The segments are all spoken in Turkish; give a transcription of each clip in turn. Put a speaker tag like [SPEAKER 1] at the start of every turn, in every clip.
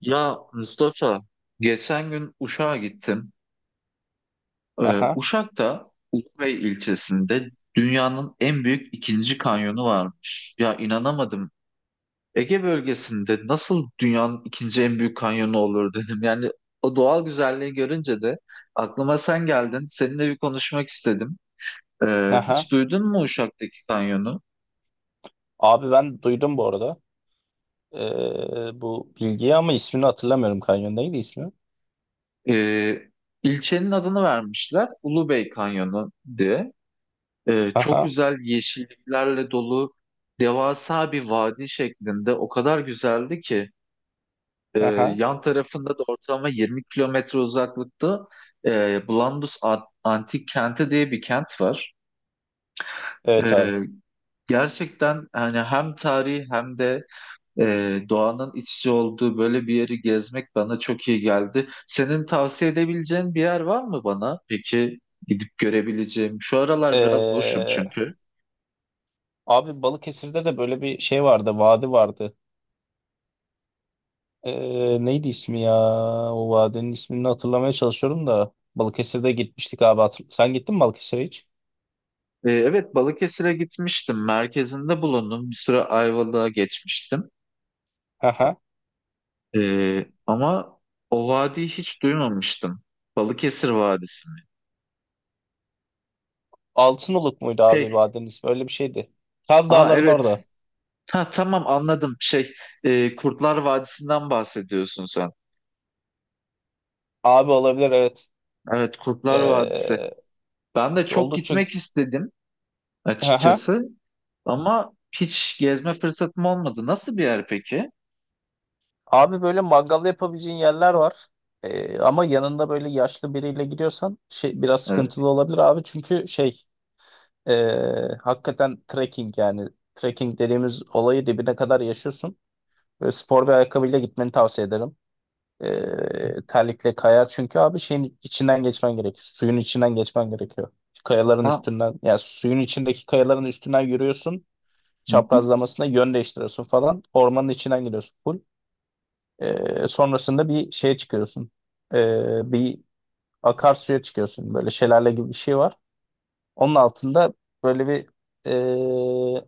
[SPEAKER 1] Ya Mustafa, geçen gün Uşak'a gittim.
[SPEAKER 2] Aha,
[SPEAKER 1] Uşak'ta Ulubey ilçesinde dünyanın en büyük ikinci kanyonu varmış. Ya inanamadım. Ege bölgesinde nasıl dünyanın ikinci en büyük kanyonu olur dedim. Yani o doğal güzelliği görünce de aklıma sen geldin. Seninle bir konuşmak istedim. Hiç
[SPEAKER 2] aha.
[SPEAKER 1] duydun mu Uşak'taki kanyonu?
[SPEAKER 2] Abi ben duydum bu arada. Bu bilgiyi ama ismini hatırlamıyorum. Kanyon neydi ismi?
[SPEAKER 1] Ee, ilçenin adını vermişler Ulubey Kanyonu diye. Çok
[SPEAKER 2] Aha,
[SPEAKER 1] güzel yeşilliklerle dolu devasa bir vadi şeklinde o kadar güzeldi ki e,
[SPEAKER 2] aha.
[SPEAKER 1] yan tarafında da ortalama 20 kilometre uzaklıkta Blandus Antik Kenti diye bir kent var.
[SPEAKER 2] Evet abi.
[SPEAKER 1] Ee, gerçekten hani hem tarihi hem de doğanın iç içe olduğu böyle bir yeri gezmek bana çok iyi geldi. Senin tavsiye edebileceğin bir yer var mı bana? Peki gidip görebileceğim. Şu aralar biraz boşum
[SPEAKER 2] Ee,
[SPEAKER 1] çünkü.
[SPEAKER 2] Abi Balıkesir'de de böyle bir şey vardı. Vadi vardı. Neydi ismi ya? O vadinin ismini hatırlamaya çalışıyorum da. Balıkesir'de gitmiştik abi. Sen gittin mi Balıkesir'e hiç?
[SPEAKER 1] Evet, Balıkesir'e gitmiştim. Merkezinde bulundum. Bir süre Ayvalık'a geçmiştim.
[SPEAKER 2] Aha.
[SPEAKER 1] Ama o vadiyi hiç duymamıştım. Balıkesir Vadisi mi?
[SPEAKER 2] Altınoluk muydu abi
[SPEAKER 1] Şey,
[SPEAKER 2] vadinin ismi? Öyle bir şeydi. Kaz
[SPEAKER 1] aa
[SPEAKER 2] Dağları'nın
[SPEAKER 1] evet.
[SPEAKER 2] orada.
[SPEAKER 1] Ha, tamam anladım. Şey, Kurtlar Vadisi'nden bahsediyorsun sen.
[SPEAKER 2] Abi olabilir evet.
[SPEAKER 1] Evet, Kurtlar Vadisi.
[SPEAKER 2] Ee,
[SPEAKER 1] Ben de çok
[SPEAKER 2] Oldukça...
[SPEAKER 1] gitmek istedim
[SPEAKER 2] Aha.
[SPEAKER 1] açıkçası. Ama hiç gezme fırsatım olmadı. Nasıl bir yer peki?
[SPEAKER 2] Abi böyle mangal yapabileceğin yerler var. Ama yanında böyle yaşlı biriyle gidiyorsan şey biraz
[SPEAKER 1] Evet.
[SPEAKER 2] sıkıntılı olabilir abi. Çünkü şey hakikaten trekking yani trekking dediğimiz olayı dibine kadar yaşıyorsun. Böyle spor bir ayakkabıyla gitmeni tavsiye ederim. Terlikle kayar çünkü abi şeyin içinden geçmen gerekiyor. Suyun içinden geçmen gerekiyor. Kayaların
[SPEAKER 1] Ha.
[SPEAKER 2] üstünden yani suyun içindeki kayaların üstünden yürüyorsun.
[SPEAKER 1] Hı hı.
[SPEAKER 2] Çaprazlamasına yön değiştiriyorsun falan. Ormanın içinden gidiyorsun. Full sonrasında bir şeye çıkıyorsun. Bir akarsuya çıkıyorsun. Böyle şelale gibi bir şey var. Onun altında böyle bir ee,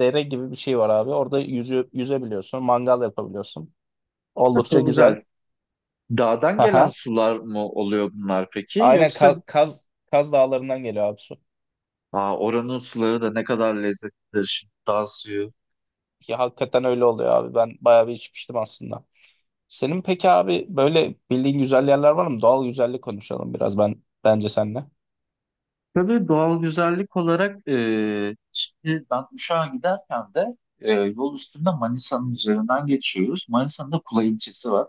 [SPEAKER 2] dere gibi bir şey var abi. Orada yüzebiliyorsun. Mangal yapabiliyorsun.
[SPEAKER 1] Ha,
[SPEAKER 2] Oldukça
[SPEAKER 1] çok
[SPEAKER 2] güzel.
[SPEAKER 1] güzel. Dağdan gelen
[SPEAKER 2] Aha.
[SPEAKER 1] sular mı oluyor bunlar peki?
[SPEAKER 2] Aynen
[SPEAKER 1] Yoksa
[SPEAKER 2] Kaz Dağları'ndan geliyor abi su.
[SPEAKER 1] aa, oranın suları da ne kadar lezzetlidir şimdi dağ suyu.
[SPEAKER 2] Ya hakikaten öyle oluyor abi. Ben bayağı bir içmiştim aslında. Senin peki abi böyle bildiğin güzel yerler var mı? Doğal güzellik konuşalım biraz ben bence seninle.
[SPEAKER 1] Tabii doğal güzellik olarak şimdi ben Uşak'a giderken de yol üstünde Manisa'nın üzerinden geçiyoruz. Manisa'nın da Kula ilçesi var.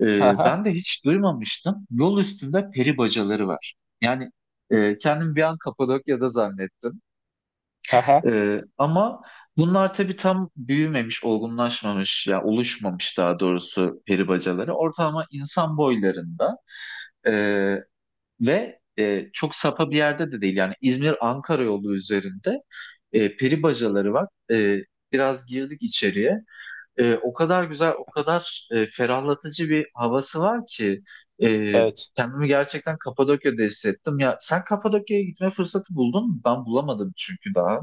[SPEAKER 1] E,
[SPEAKER 2] Aha,
[SPEAKER 1] ben de hiç duymamıştım. Yol üstünde peri bacaları var. Yani kendim bir an Kapadokya'da zannettim.
[SPEAKER 2] aha,
[SPEAKER 1] Ama bunlar tabii tam büyümemiş, olgunlaşmamış ya oluşmamış daha doğrusu peri bacaları. Ortalama insan boylarında ee, ve çok sapa bir yerde de değil. Yani İzmir-Ankara yolu üzerinde peri bacaları var. Biraz girdik içeriye. O kadar güzel, o kadar ferahlatıcı bir havası var ki e,
[SPEAKER 2] evet.
[SPEAKER 1] kendimi gerçekten Kapadokya'da hissettim. Ya sen Kapadokya'ya gitme fırsatı buldun mu? Ben bulamadım çünkü daha.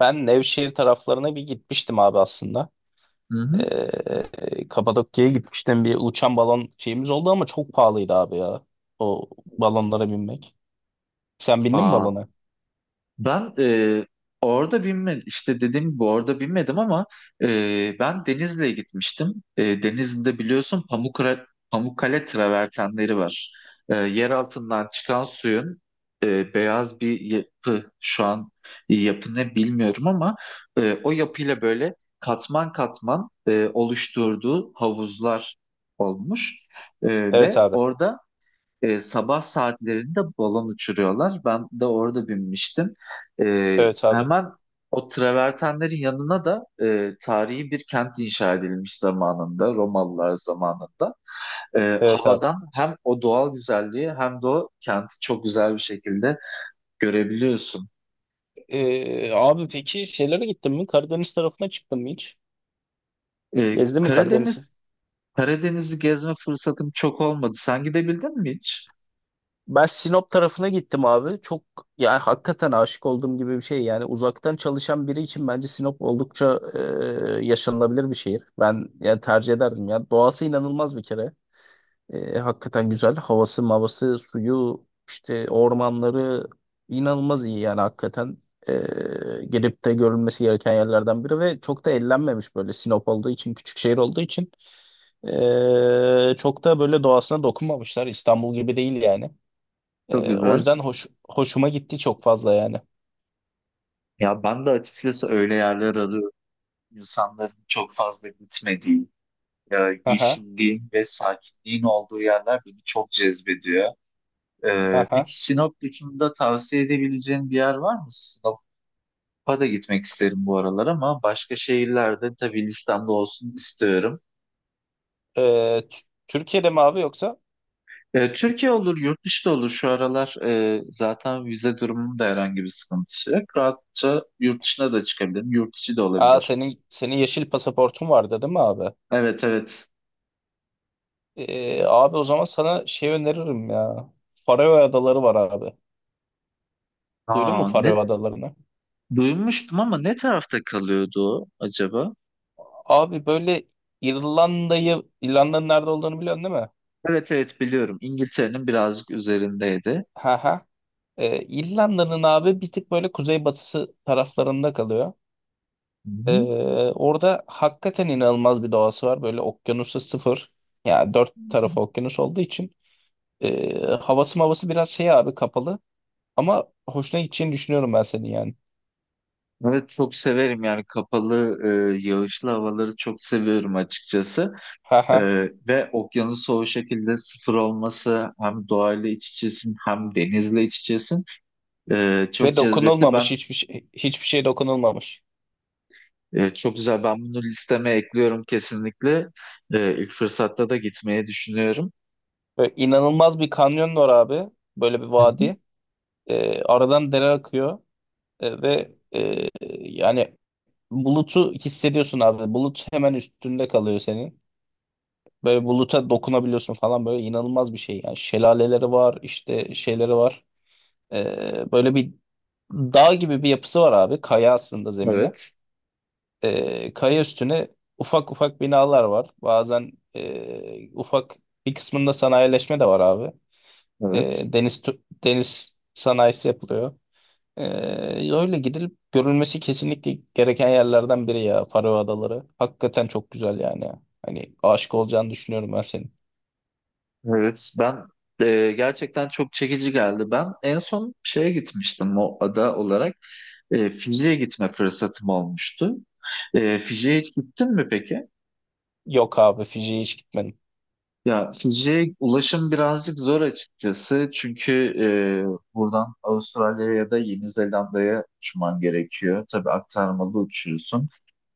[SPEAKER 2] Ben Nevşehir taraflarına bir gitmiştim abi aslında.
[SPEAKER 1] Hı hı.
[SPEAKER 2] Kapadokya'ya gitmiştim. Bir uçan balon şeyimiz oldu ama çok pahalıydı abi ya. O balonlara binmek. Sen bindin mi
[SPEAKER 1] Aa,
[SPEAKER 2] balona?
[SPEAKER 1] ben orada binmedim, işte dediğim gibi orada binmedim, ama ben Denizli'ye gitmiştim. Denizli'de biliyorsun Pamukkale travertenleri var. Yer altından çıkan suyun beyaz bir yapı şu an, yapı ne bilmiyorum ama o yapıyla böyle katman katman oluşturduğu havuzlar olmuş. E,
[SPEAKER 2] Evet
[SPEAKER 1] ve
[SPEAKER 2] abi.
[SPEAKER 1] orada sabah saatlerinde balon uçuruyorlar. Ben de orada binmiştim. E,
[SPEAKER 2] Evet abi.
[SPEAKER 1] hemen o travertenlerin yanına da tarihi bir kent inşa edilmiş zamanında, Romalılar zamanında. E,
[SPEAKER 2] Evet abi.
[SPEAKER 1] havadan hem o doğal güzelliği hem de o kenti çok güzel bir şekilde görebiliyorsun.
[SPEAKER 2] Abi peki şeylere gittin mi? Karadeniz tarafına çıktın mı hiç?
[SPEAKER 1] E,
[SPEAKER 2] Gezdin mi
[SPEAKER 1] Karadeniz
[SPEAKER 2] Karadeniz?
[SPEAKER 1] Karadeniz'i gezme fırsatım çok olmadı. Sen gidebildin mi hiç?
[SPEAKER 2] Ben Sinop tarafına gittim abi. Çok yani hakikaten aşık olduğum gibi bir şey. Yani uzaktan çalışan biri için bence Sinop oldukça yaşanılabilir bir şehir. Ben yani tercih ederdim ya. Doğası inanılmaz bir kere. E, hakikaten güzel. Havası, mavası, suyu, işte ormanları inanılmaz iyi yani hakikaten. E, gelip de görülmesi gereken yerlerden biri ve çok da ellenmemiş böyle Sinop olduğu için, küçük şehir olduğu için. E, çok da böyle doğasına dokunmamışlar. İstanbul gibi değil yani.
[SPEAKER 1] Çok
[SPEAKER 2] O
[SPEAKER 1] güzel.
[SPEAKER 2] yüzden hoşuma gitti çok fazla yani.
[SPEAKER 1] Ya ben de açıkçası öyle yerler arıyorum. İnsanların çok fazla gitmediği,
[SPEAKER 2] Aha,
[SPEAKER 1] yeşilliğin ve sakinliğin olduğu yerler beni çok cezbediyor. E,
[SPEAKER 2] aha.
[SPEAKER 1] peki Sinop dışında tavsiye edebileceğin bir yer var mı? Sinop'a da gitmek isterim bu aralar ama başka şehirlerde tabii listemde olsun istiyorum.
[SPEAKER 2] Ee, T- Türkiye'de mi abi yoksa?
[SPEAKER 1] Türkiye olur, yurt dışı da olur. Şu aralar zaten vize durumunun da herhangi bir sıkıntısı yok. Rahatça yurt dışına da çıkabilirim. Yurt içi de
[SPEAKER 2] Aa
[SPEAKER 1] olabilir.
[SPEAKER 2] senin yeşil pasaportun vardı değil mi abi?
[SPEAKER 1] Evet, evet.
[SPEAKER 2] Abi o zaman sana şey öneririm ya. Faroe Adaları var abi. Duydun mu
[SPEAKER 1] Aa, ne
[SPEAKER 2] Faroe Adalarını?
[SPEAKER 1] duymuştum ama ne tarafta kalıyordu o acaba?
[SPEAKER 2] Abi böyle İrlanda'nın nerede olduğunu biliyorsun değil mi?
[SPEAKER 1] Evet, evet, biliyorum. İngiltere'nin birazcık üzerindeydi.
[SPEAKER 2] Ha ha. İrlanda'nın abi bir tık böyle kuzeybatısı taraflarında kalıyor.
[SPEAKER 1] Hı
[SPEAKER 2] Ee,
[SPEAKER 1] hı.
[SPEAKER 2] Orada hakikaten inanılmaz bir doğası var. Böyle okyanusu sıfır. Yani dört tarafı okyanus olduğu için havası mavası biraz şey abi kapalı. Ama hoşuna gideceğini düşünüyorum ben senin yani.
[SPEAKER 1] Evet, çok severim yani kapalı yağışlı havaları çok seviyorum açıkçası. E,
[SPEAKER 2] Haha.
[SPEAKER 1] ve okyanusu o şekilde sıfır olması hem doğayla iç içesin hem denizle iç içesin. Çok
[SPEAKER 2] Ve
[SPEAKER 1] cezbetti. Ben
[SPEAKER 2] dokunulmamış hiçbir şey, hiçbir şey dokunulmamış.
[SPEAKER 1] çok güzel, ben bunu listeme ekliyorum kesinlikle. E, ilk fırsatta da gitmeyi düşünüyorum.
[SPEAKER 2] Böyle inanılmaz bir kanyon var abi. Böyle bir
[SPEAKER 1] Hı hı.
[SPEAKER 2] vadi. Aradan dere akıyor. Ve yani bulutu hissediyorsun abi. Bulut hemen üstünde kalıyor senin. Böyle buluta dokunabiliyorsun falan böyle inanılmaz bir şey. Yani şelaleleri var işte şeyleri var. Böyle bir dağ gibi bir yapısı var abi. Kaya aslında zemine.
[SPEAKER 1] Evet,
[SPEAKER 2] Kaya üstüne ufak ufak binalar var. Bazen e, ufak bir kısmında sanayileşme de var abi.
[SPEAKER 1] evet.
[SPEAKER 2] Deniz sanayisi yapılıyor. Ee, Öyle gidilip görülmesi kesinlikle gereken yerlerden biri ya Faroe Adaları. Hakikaten çok güzel yani. Hani aşık olacağını düşünüyorum ben senin.
[SPEAKER 1] Evet, ben gerçekten çok çekici geldi. Ben en son şeye gitmiştim o ada olarak. Fiji'ye gitme fırsatım olmuştu. Fiji'ye hiç gittin mi peki?
[SPEAKER 2] Yok abi Fiji'ye hiç gitmedim.
[SPEAKER 1] Ya Fiji'ye ulaşım birazcık zor açıkçası. Çünkü e, buradan Avustralya'ya ya da Yeni Zelanda'ya uçman gerekiyor. Tabii aktarmalı uçuyorsun.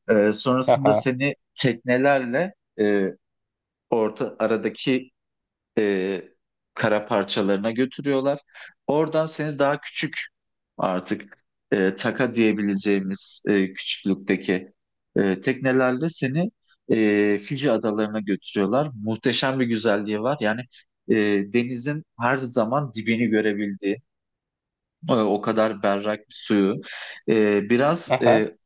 [SPEAKER 1] Sonrasında
[SPEAKER 2] Aha,
[SPEAKER 1] seni teknelerle e, orta aradaki e, kara parçalarına götürüyorlar. Oradan seni daha küçük, artık taka diyebileceğimiz küçüklükteki teknelerle seni Fiji adalarına götürüyorlar. Muhteşem bir güzelliği var. Yani e, denizin her zaman dibini görebildiği, o kadar berrak bir suyu. E, biraz
[SPEAKER 2] aha,
[SPEAKER 1] e,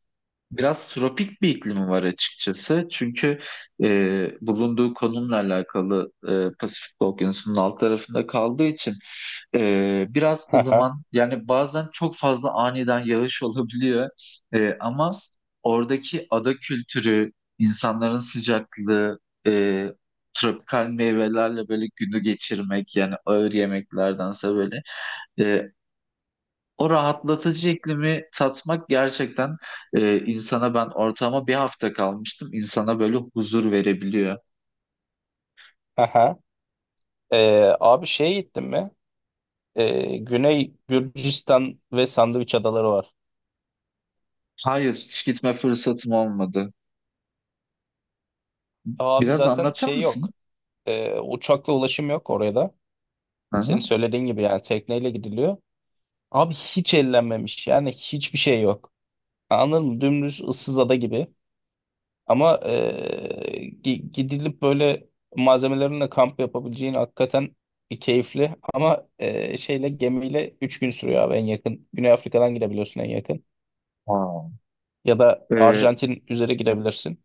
[SPEAKER 1] Biraz tropik bir iklimi var açıkçası. Çünkü bulunduğu konumla alakalı Pasifik Okyanusu'nun alt tarafında kaldığı için biraz
[SPEAKER 2] aha,
[SPEAKER 1] ılıman, yani bazen çok fazla aniden yağış olabiliyor. Ama oradaki ada kültürü, insanların sıcaklığı, e, tropikal meyvelerle böyle günü geçirmek, yani ağır yemeklerdense böyle e, o rahatlatıcı iklimi tatmak gerçekten insana, ben ortama bir hafta kalmıştım, insana böyle huzur verebiliyor.
[SPEAKER 2] aha. Abi şeye gittin mi? Güney Gürcistan ve Sandviç Adaları var.
[SPEAKER 1] Hayır, hiç gitme fırsatım olmadı.
[SPEAKER 2] Abi
[SPEAKER 1] Biraz
[SPEAKER 2] zaten
[SPEAKER 1] anlatır
[SPEAKER 2] şey
[SPEAKER 1] mısın?
[SPEAKER 2] yok. Uçakla ulaşım yok oraya da. Senin
[SPEAKER 1] Hı-hı.
[SPEAKER 2] söylediğin gibi yani tekneyle gidiliyor. Abi hiç ellenmemiş yani hiçbir şey yok. Anladın mı? Dümdüz ıssız ada gibi. Ama gidilip böyle malzemelerinle kamp yapabileceğin hakikaten keyifli. Ama şeyle gemiyle 3 gün sürüyor abi en yakın. Güney Afrika'dan gidebiliyorsun en yakın. Ya da
[SPEAKER 1] E,
[SPEAKER 2] Arjantin üzeri gidebilirsin.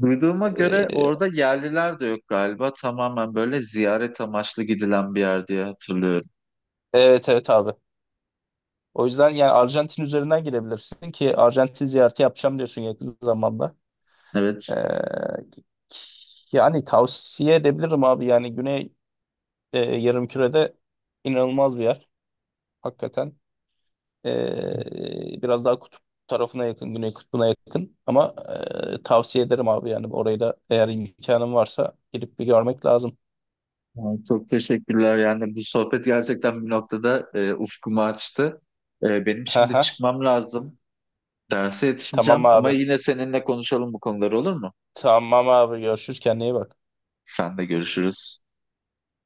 [SPEAKER 1] duyduğuma göre
[SPEAKER 2] Eee,
[SPEAKER 1] orada yerliler de yok galiba. Tamamen böyle ziyaret amaçlı gidilen bir yer diye hatırlıyorum.
[SPEAKER 2] evet evet abi. O yüzden yani Arjantin üzerinden gidebilirsin ki Arjantin ziyareti yapacağım diyorsun yakın zamanda. Eee,
[SPEAKER 1] Evet.
[SPEAKER 2] Yani tavsiye edebilirim abi. Yani Güney yarımkürede inanılmaz bir yer. Hakikaten. Biraz daha kutup tarafına yakın, güney kutbuna yakın. Ama e, tavsiye ederim abi yani orayı da eğer imkanın varsa gidip bir görmek lazım.
[SPEAKER 1] Ay, çok teşekkürler. Yani bu sohbet gerçekten bir noktada ufkumu açtı. Benim şimdi
[SPEAKER 2] Haha,
[SPEAKER 1] çıkmam lazım. Derse yetişeceğim
[SPEAKER 2] tamam
[SPEAKER 1] ama
[SPEAKER 2] abi.
[SPEAKER 1] yine seninle konuşalım bu konuları, olur mu?
[SPEAKER 2] Tamam abi görüşürüz kendine iyi bak.
[SPEAKER 1] Sen de görüşürüz.